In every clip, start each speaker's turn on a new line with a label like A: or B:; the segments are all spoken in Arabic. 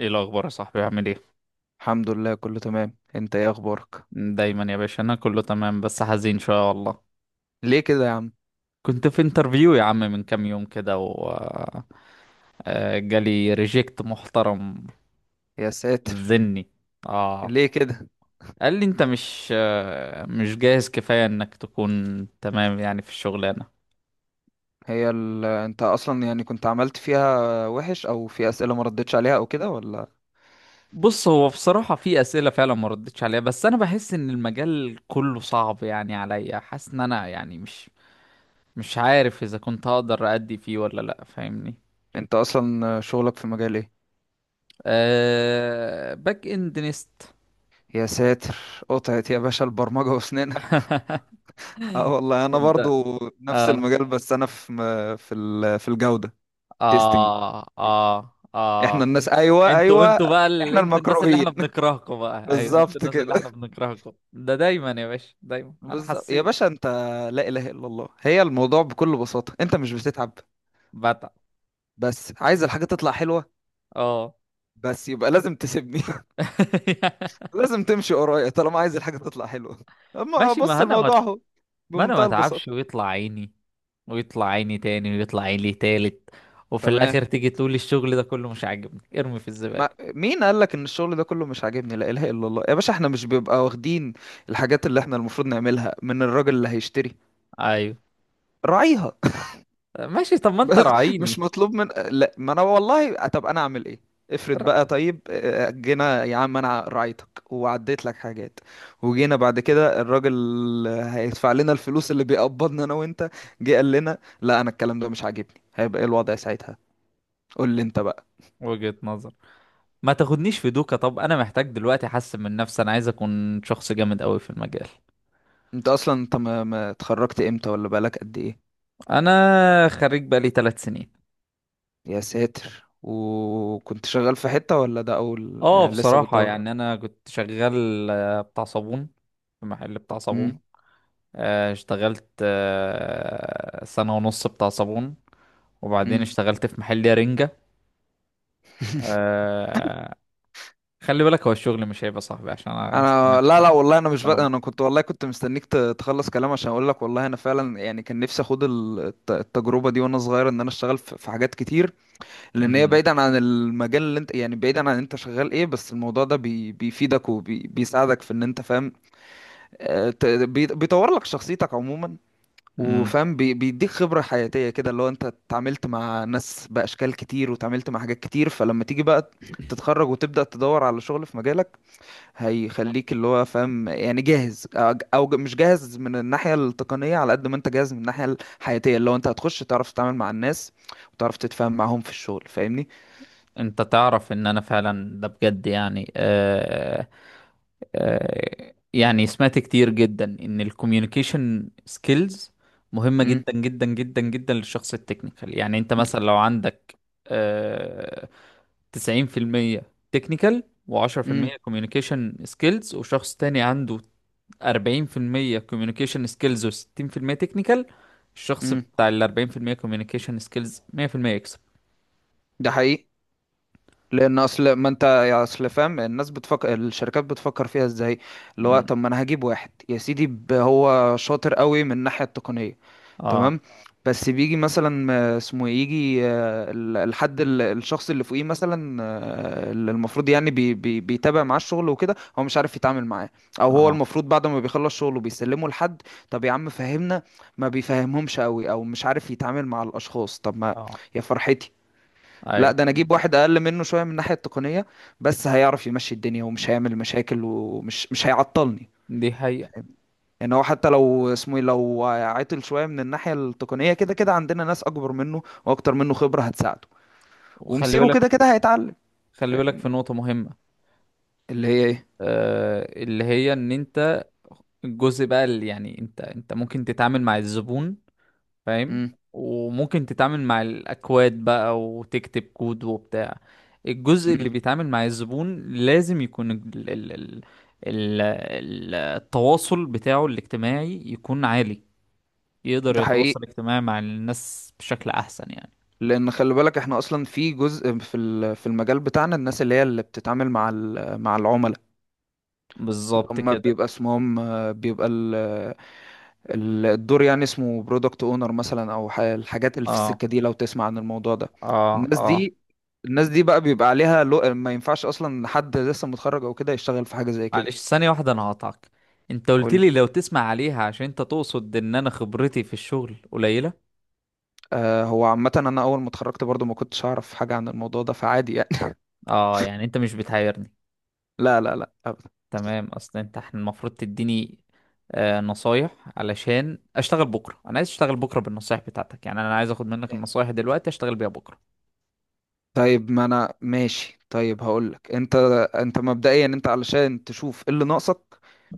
A: ايه الاخبار يا صاحبي؟ عامل ايه؟
B: الحمد لله، كله تمام. انت ايه اخبارك؟
A: دايما يا باشا، انا كله تمام بس حزين شويه والله.
B: ليه كده يا عم؟
A: كنت في انترفيو يا عم من كام يوم كده و جالي ريجكت محترم.
B: يا ساتر.
A: ذني. اه.
B: ليه كده؟
A: قال لي انت مش مش جاهز كفايه انك تكون تمام يعني في الشغلانه.
B: انت اصلا يعني كنت عملت فيها وحش او في اسئله ما ردتش عليها او كده ولا
A: بص هو بصراحه في اسئله فعلا ما ردتش عليها، بس انا بحس ان المجال كله صعب يعني عليا. حاسس ان انا يعني مش عارف اذا كنت هقدر ادي فيه ولا لا، فاهمني.
B: انت اصلا شغلك في مجال ايه؟
A: باك اند نيست.
B: يا ساتر، قطعت يا باشا البرمجه واسنانها. اه والله انا
A: انت.
B: برضو نفس
A: اه
B: المجال، بس انا في في الجوده، تيستنج.
A: اه اه
B: احنا
A: اه.
B: الناس، ايوه
A: انتوا
B: ايوه،
A: انتوا بقى
B: احنا
A: انتوا الناس اللي
B: المكروهين.
A: احنا بنكرهكم بقى. ايوه انتوا
B: بالظبط
A: الناس
B: كده.
A: اللي احنا بنكرهكم ده. دايما يا باشا دايما انا
B: بالظبط يا
A: حسيت.
B: باشا. انت، لا اله الا الله، هي الموضوع بكل بساطه: انت مش بتتعب،
A: بتعب.
B: بس عايز الحاجة تطلع حلوة،
A: اه.
B: بس يبقى لازم تسيبني. لازم تمشي ورايا طالما عايز الحاجة تطلع حلوة. اما
A: ماشي.
B: بص الموضوع اهو،
A: ما انا ما
B: بمنتهى
A: اتعبش
B: البساطة.
A: ويطلع عيني ويطلع عيني تاني ويطلع عيني تالت، وفي
B: تمام.
A: الاخر تيجي تقول الشغل ده كله مش عاجبني ارمي في
B: ما
A: الزبالة.
B: مين قال لك ان الشغل ده كله مش عاجبني؟ لا اله الا الله يا باشا، احنا مش بيبقى واخدين الحاجات اللي احنا المفروض نعملها من الراجل اللي هيشتري؟
A: ايوه
B: راعيها.
A: ماشي، طب ما انت
B: بس مش
A: راعيني.
B: مطلوب من، لا ما انا والله، طب انا اعمل ايه؟ افرض
A: ر-
B: بقى، طيب جينا يا عم انا راعيتك وعديت لك حاجات، وجينا بعد كده الراجل هيدفع لنا الفلوس اللي بيقبضنا انا وانت، جه قال لنا لا انا الكلام ده مش عاجبني، هيبقى ايه الوضع ساعتها؟ قول لي انت بقى.
A: وجهة نظر. ما تاخدنيش في دوكا، طب انا محتاج دلوقتي احسن من نفسي، انا عايز اكون شخص جامد قوي في المجال.
B: انت اصلا انت ما اتخرجت امتى؟ ولا بقالك قد ايه؟
A: انا خريج بقالي 3 سنين.
B: يا ساتر. وكنت شغال في حتة ولا ده اول،
A: اه
B: يعني لسه
A: بصراحة
B: بتدور؟
A: يعني انا كنت شغال بتاع صابون، في محل بتاع صابون.
B: امم.
A: اشتغلت سنة ونص بتاع صابون، وبعدين
B: امم.
A: اشتغلت في محل رنجة. آه، خلي بالك هو الشغل مش هيبقى صاحبي عشان انا سمعت.
B: انا، لا لا والله، انا مش بق...
A: انا.
B: انا كنت والله كنت مستنيك تخلص كلام عشان اقول لك والله انا فعلا يعني كان نفسي اخد التجربه دي وانا صغير، ان انا اشتغل في في حاجات كتير. لان هي،
A: مم.
B: بعيدا عن المجال اللي انت يعني بعيدا عن انت شغال ايه، بس الموضوع ده بيفيدك وبيساعدك في ان انت فاهم. بيطور لك شخصيتك عموما،
A: مم.
B: وفاهم، بيديك خبره حياتيه كده، اللي هو انت اتعاملت مع ناس باشكال كتير وتعاملت مع حاجات كتير. فلما تيجي بقى تتخرج وتبدا تدور على شغل في مجالك، هيخليك اللي هو فاهم يعني جاهز او أو مش جاهز من الناحيه التقنيه على قد ما انت جاهز من الناحيه الحياتيه، اللي هو انت هتخش تعرف تتعامل مع الناس وتعرف تتفاهم معاهم في الشغل، فاهمني.
A: انت تعرف ان انا فعلا ده بجد يعني يعني سمعت كتير جدا ان الكوميونيكيشن سكيلز مهمة
B: امم.
A: جدا جدا جدا جدا للشخص التكنيكال. يعني انت مثلا لو عندك آه 90% تكنيكال
B: امم
A: و10% كوميونيكيشن سكيلز، وشخص تاني عنده 40% كوميونيكيشن سكيلز و60% تكنيكال، الشخص
B: امم.
A: بتاع ال 40% كوميونيكيشن سكيلز 100% يكسب.
B: ده حقيقي، لان اصل ما انت يا اصل فاهم الناس بتفكر، الشركات بتفكر فيها ازاي؟ اللي هو
A: مم.
B: طب ما انا هجيب واحد يا سيدي، هو شاطر قوي من الناحيه التقنيه،
A: اه
B: تمام، بس بيجي مثلا آه، اسمه إيه، يجي الحد، الشخص اللي فوقيه مثلا، اللي المفروض يعني بي بي بيتابع معاه الشغل وكده، هو مش عارف يتعامل معاه، او هو
A: اه
B: المفروض بعد ما بيخلص شغله بيسلمه لحد، طب يا عم فهمنا، ما بيفهمهمش قوي او مش عارف يتعامل مع الاشخاص، طب ما
A: اه.
B: يا فرحتي. لا
A: ايوه.
B: ده انا اجيب
A: أيوة.
B: واحد اقل منه شويه من الناحيه التقنيه، بس هيعرف يمشي الدنيا ومش هيعمل مشاكل مش هيعطلني.
A: دي حقيقة.
B: يعني هو حتى لو اسمه ايه، لو عطل شويه من الناحيه التقنيه، كده كده عندنا ناس اكبر منه واكتر منه خبره هتساعده،
A: وخلي
B: ومسيره
A: بالك،
B: كده كده هيتعلم. ف-
A: خلي بالك في نقطة مهمة.
B: اللي هي ايه؟
A: اللي هي ان انت الجزء بقى اللي يعني انت ممكن تتعامل مع الزبون، فاهم،
B: امم.
A: وممكن تتعامل مع الاكواد بقى وتكتب كود وبتاع. الجزء اللي
B: امم.
A: بيتعامل مع الزبون لازم يكون التواصل بتاعه الاجتماعي يكون عالي، يقدر
B: ده حقيقي.
A: يتواصل اجتماعي مع الناس بشكل احسن يعني.
B: لان خلي بالك احنا اصلا في جزء في في المجال بتاعنا، الناس اللي هي اللي بتتعامل مع مع العملاء، اللي
A: بالظبط
B: هم
A: كده.
B: بيبقى اسمهم بيبقى الدور يعني اسمه برودكت اونر مثلا، او الحاجات اللي في
A: اه
B: السكه دي، لو تسمع عن الموضوع ده.
A: اه
B: الناس
A: اه.
B: دي، الناس دي بقى بيبقى عليها، لو... ما ينفعش اصلا حد لسه متخرج او كده يشتغل في حاجه زي كده.
A: معلش ثانية واحدة انا هقطعك. انت قلت
B: قول لي.
A: لي لو تسمع عليها، عشان انت تقصد ان انا خبرتي في الشغل قليلة.
B: آه، هو عامه انا اول ما اتخرجت برضو ما كنتش اعرف حاجه عن الموضوع ده، فعادي يعني.
A: اه يعني انت مش بتحيرني.
B: لا لا لا أبدا.
A: تمام، اصل انت احنا المفروض تديني نصايح علشان اشتغل بكرة. انا عايز اشتغل بكرة بالنصايح بتاعتك، يعني انا عايز اخد منك النصايح دلوقتي اشتغل بيها بكرة.
B: طيب ما انا ماشي، طيب هقولك. انت، انت مبدئيا انت علشان تشوف ايه اللي ناقصك،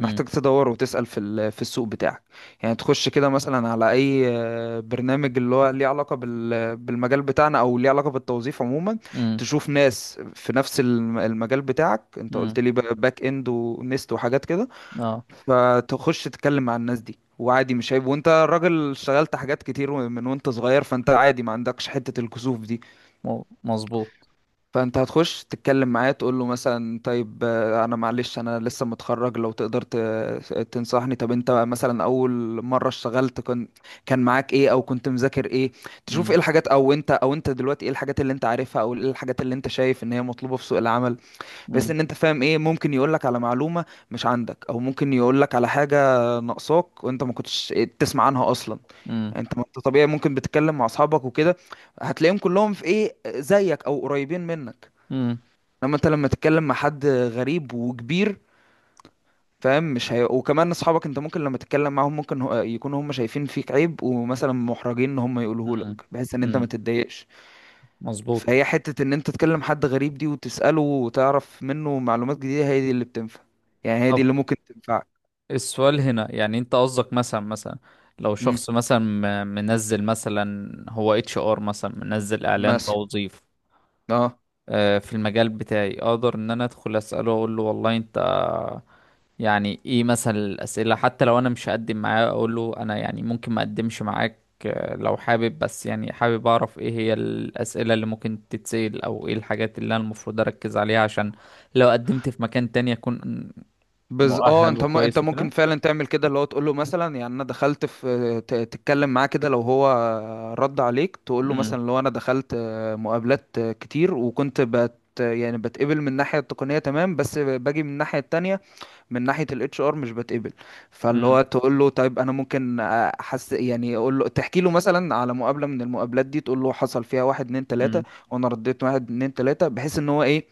A: امم
B: محتاج تدور وتسأل في في السوق بتاعك. يعني تخش كده مثلا على اي برنامج اللي هو ليه علاقة بالمجال بتاعنا او ليه علاقة بالتوظيف عموما.
A: امم
B: تشوف ناس في نفس المجال بتاعك، انت قلت
A: امم.
B: لي بقى باك اند ونست وحاجات كده.
A: اه
B: فتخش تتكلم مع الناس دي، وعادي مش عيب، وانت راجل اشتغلت حاجات كتير من وانت صغير، فانت عادي ما عندكش حتة الكسوف دي.
A: مظبوط.
B: فانت هتخش تتكلم معاه تقول له مثلا طيب، انا معلش انا لسه متخرج، لو تقدر تنصحني. طب انت مثلا اول مره اشتغلت كان معاك ايه او كنت مذاكر ايه؟ تشوف ايه
A: امم
B: الحاجات، او انت، او انت دلوقتي ايه الحاجات اللي انت عارفها، او ايه الحاجات اللي انت شايف ان هي مطلوبه في سوق العمل. بحيث
A: امم
B: ان انت فاهم ايه ممكن يقول لك على معلومه مش عندك، او ممكن يقول لك على حاجه ناقصاك وانت ما كنتش تسمع عنها اصلا.
A: امم
B: انت ما انت طبيعي ممكن بتتكلم مع اصحابك وكده، هتلاقيهم كلهم في ايه زيك او قريبين منك. انما انت لما تتكلم مع حد غريب وكبير، فاهم؟ مش هي... وكمان اصحابك انت ممكن لما تتكلم معاهم ممكن يكونوا هم شايفين فيك عيب ومثلا محرجين ان هم يقولوه
A: امم
B: لك، بحيث ان انت ما
A: امم.
B: تتضايقش.
A: مظبوط.
B: فهي حتة ان انت تكلم حد غريب دي وتسأله وتعرف منه معلومات جديدة، هي دي اللي بتنفع. يعني هي دي
A: طب
B: اللي ممكن تنفعك.
A: السؤال هنا يعني انت قصدك مثلا لو
B: امم.
A: شخص مثلا منزل، مثلا هو اتش ار مثلا، منزل اعلان
B: مثلا.
A: توظيف
B: اه.
A: في المجال بتاعي، اقدر ان انا ادخل اساله، اقول له والله انت يعني ايه مثلا الاسئله؟ حتى لو انا مش هقدم معاه، اقول له انا يعني ممكن ما اقدمش معاك لو حابب، بس يعني حابب اعرف ايه هي الاسئله اللي ممكن تتسال، او ايه الحاجات اللي انا المفروض اركز عليها عشان لو قدمت في مكان تاني اكون
B: بز اه
A: مؤهل
B: انت انت
A: وكويس
B: ممكن
A: وكده.
B: فعلا تعمل كده، اللي هو تقول له مثلا يعني انا دخلت في تتكلم معاه كده، لو هو رد عليك تقول له
A: امم.
B: مثلا لو انا دخلت مقابلات كتير وكنت يعني بتقبل من الناحية التقنية تمام بس باجي من الناحية التانية، من ناحيه الاتش ار مش بتقبل، فاللي هو تقول له طيب انا ممكن احس، يعني اقول له، تحكي له مثلا على مقابله من المقابلات دي، تقول له حصل فيها واحد اتنين تلاته،
A: امم.
B: وانا رديت واحد اتنين تلاته، بحيث ان هو ايه،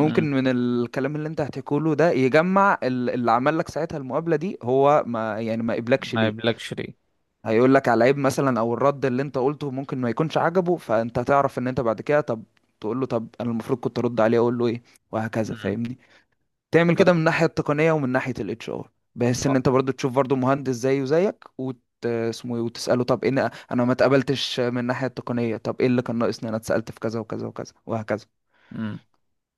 A: مم.
B: من الكلام اللي انت هتحكيه له ده يجمع اللي عمل لك ساعتها المقابله دي، هو ما يعني ما قبلكش
A: ما
B: ليه.
A: يبلكش ليه.
B: هيقول لك على عيب مثلا، او الرد اللي انت قلته ممكن ما يكونش عجبه، فانت هتعرف ان انت بعد كده طب تقول له طب انا المفروض كنت ارد عليه اقول له ايه، وهكذا،
A: مم.
B: فاهمني. تعمل
A: طب
B: كده من الناحيه التقنيه ومن ناحيه الاتش ار، بحيث ان
A: آه،
B: انت برضو تشوف برضو مهندس زيه زيك وت... اسمه ايه وتساله طب ايه انا ما اتقبلتش من الناحيه التقنيه، طب ايه اللي كان ناقصني، انا اتسالت في كذا وكذا وكذا وهكذا.
A: مم.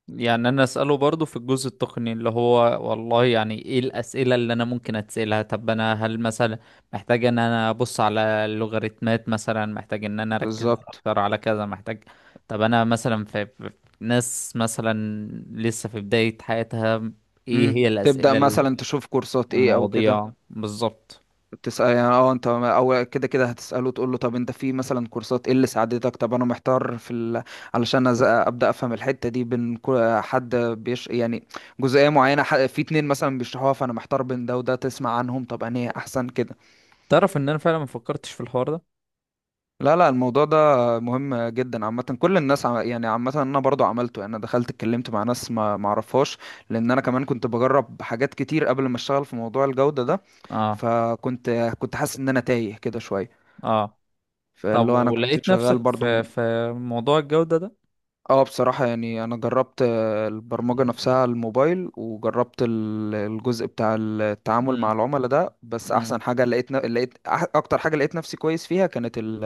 A: يعني انا اساله برضو في الجزء التقني اللي هو والله يعني ايه الاسئله اللي انا ممكن اتسالها. طب انا هل مثلا محتاج ان انا ابص على اللوغاريتمات، مثلا محتاج ان انا اركز
B: بالظبط.
A: اكتر على كذا، محتاج. طب انا مثلا في ناس مثلا لسه في بدايه حياتها، ايه
B: امم.
A: هي
B: تبدا
A: الاسئله
B: مثلا تشوف كورسات ايه او كده.
A: والمواضيع بالظبط.
B: تسأل يعني. اه انت اول كده كده هتسأله تقول له طب انت في مثلا كورسات ايه اللي ساعدتك، طب انا محتار في ال... علشان ابدأ افهم الحتة دي، بين حد بيش يعني جزئية معينة، في اتنين مثلا بيشرحوها فانا محتار بين ده وده، تسمع عنهم طب انا احسن كده.
A: تعرف ان انا فعلا ما فكرتش في الحوار ده.
B: لا لا، الموضوع ده مهم جدا عامة. كل الناس يعني عامة انا برضو عملته، يعني انا دخلت اتكلمت مع ناس ما معرفهاش، لان انا كمان كنت بجرب حاجات كتير قبل ما اشتغل في موضوع الجودة ده.
A: اه.
B: فكنت كنت حاسس ان انا تايه كده شوية.
A: اه طب
B: فاللي هو انا كنت
A: ولقيت
B: شغال
A: نفسك
B: برضو م-.
A: في موضوع الجودة ده؟
B: اه بصراحة يعني انا جربت البرمجة نفسها على الموبايل، وجربت الجزء بتاع التعامل مع
A: امم.
B: العملاء ده، بس
A: امم.
B: احسن حاجة لقيت ن- لقيت أح- اكتر حاجة لقيت نفسي كويس فيها كانت ال-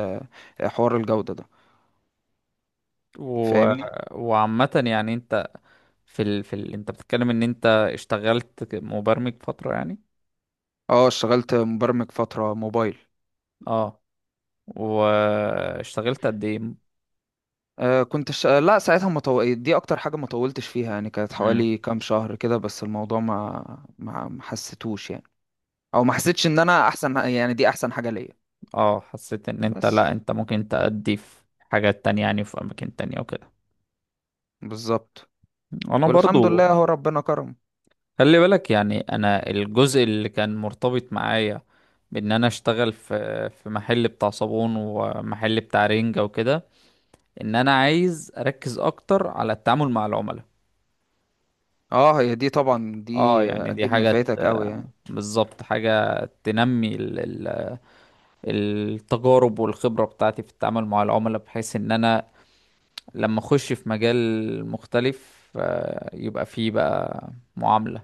B: آه، حوار الجودة ده،
A: و...
B: فاهمني.
A: وعامة يعني انت انت بتتكلم ان انت اشتغلت مبرمج فترة يعني.
B: اه اشتغلت مبرمج فترة موبايل.
A: اه واشتغلت قد ايه؟
B: آه كنت لا ساعتها ما طو... دي اكتر حاجة ما طولتش فيها، يعني كانت
A: امم.
B: حوالي كام شهر كده، بس الموضوع ما حسيتوش يعني، او ما حسيتش ان انا احسن، يعني دي احسن حاجة ليا.
A: اه حسيت ان انت،
B: بس.
A: لا انت ممكن تأدي في حاجات تانية يعني، في اماكن تانية وكده.
B: بالظبط.
A: انا
B: والحمد
A: برضو.
B: لله اهو، ربنا كرم.
A: خلي بالك يعني انا الجزء اللي كان مرتبط معايا بان انا اشتغل في محل بتاع صابون ومحل بتاع رنجة وكده، ان انا عايز اركز اكتر على التعامل مع العملاء.
B: اه هي دي طبعا
A: اه
B: دي
A: يعني دي
B: اكيد
A: حاجة
B: نفعتك قوي يعني.
A: بالظبط حاجة تنمي ال- التجارب والخبرة بتاعتي في التعامل مع العملاء، بحيث ان انا لما اخش في مجال مختلف يبقى فيه بقى معاملة.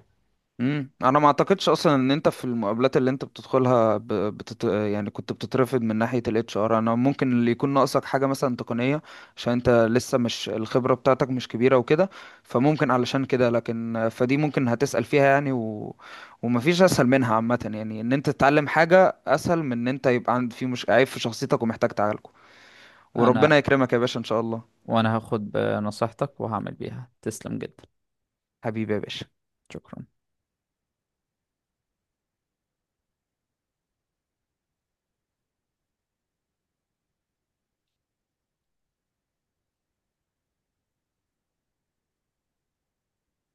B: امم. انا ما اعتقدش اصلا ان انت في المقابلات اللي انت بتدخلها يعني كنت بتترفض من ناحية الاتش ار. انا ممكن اللي يكون ناقصك حاجة مثلا تقنية عشان انت لسه مش الخبرة بتاعتك مش كبيرة وكده، فممكن علشان كده. لكن فدي ممكن هتسأل فيها يعني، و... ومفيش اسهل منها عامة يعني، ان انت تتعلم حاجة اسهل من ان انت يبقى عند في مش عيب في شخصيتك ومحتاج تعالجه.
A: انا
B: وربنا يكرمك يا باشا ان شاء الله.
A: وانا هاخد بنصيحتك وهعمل بيها. تسلم جدا.
B: حبيبي يا باشا.
A: شكرا.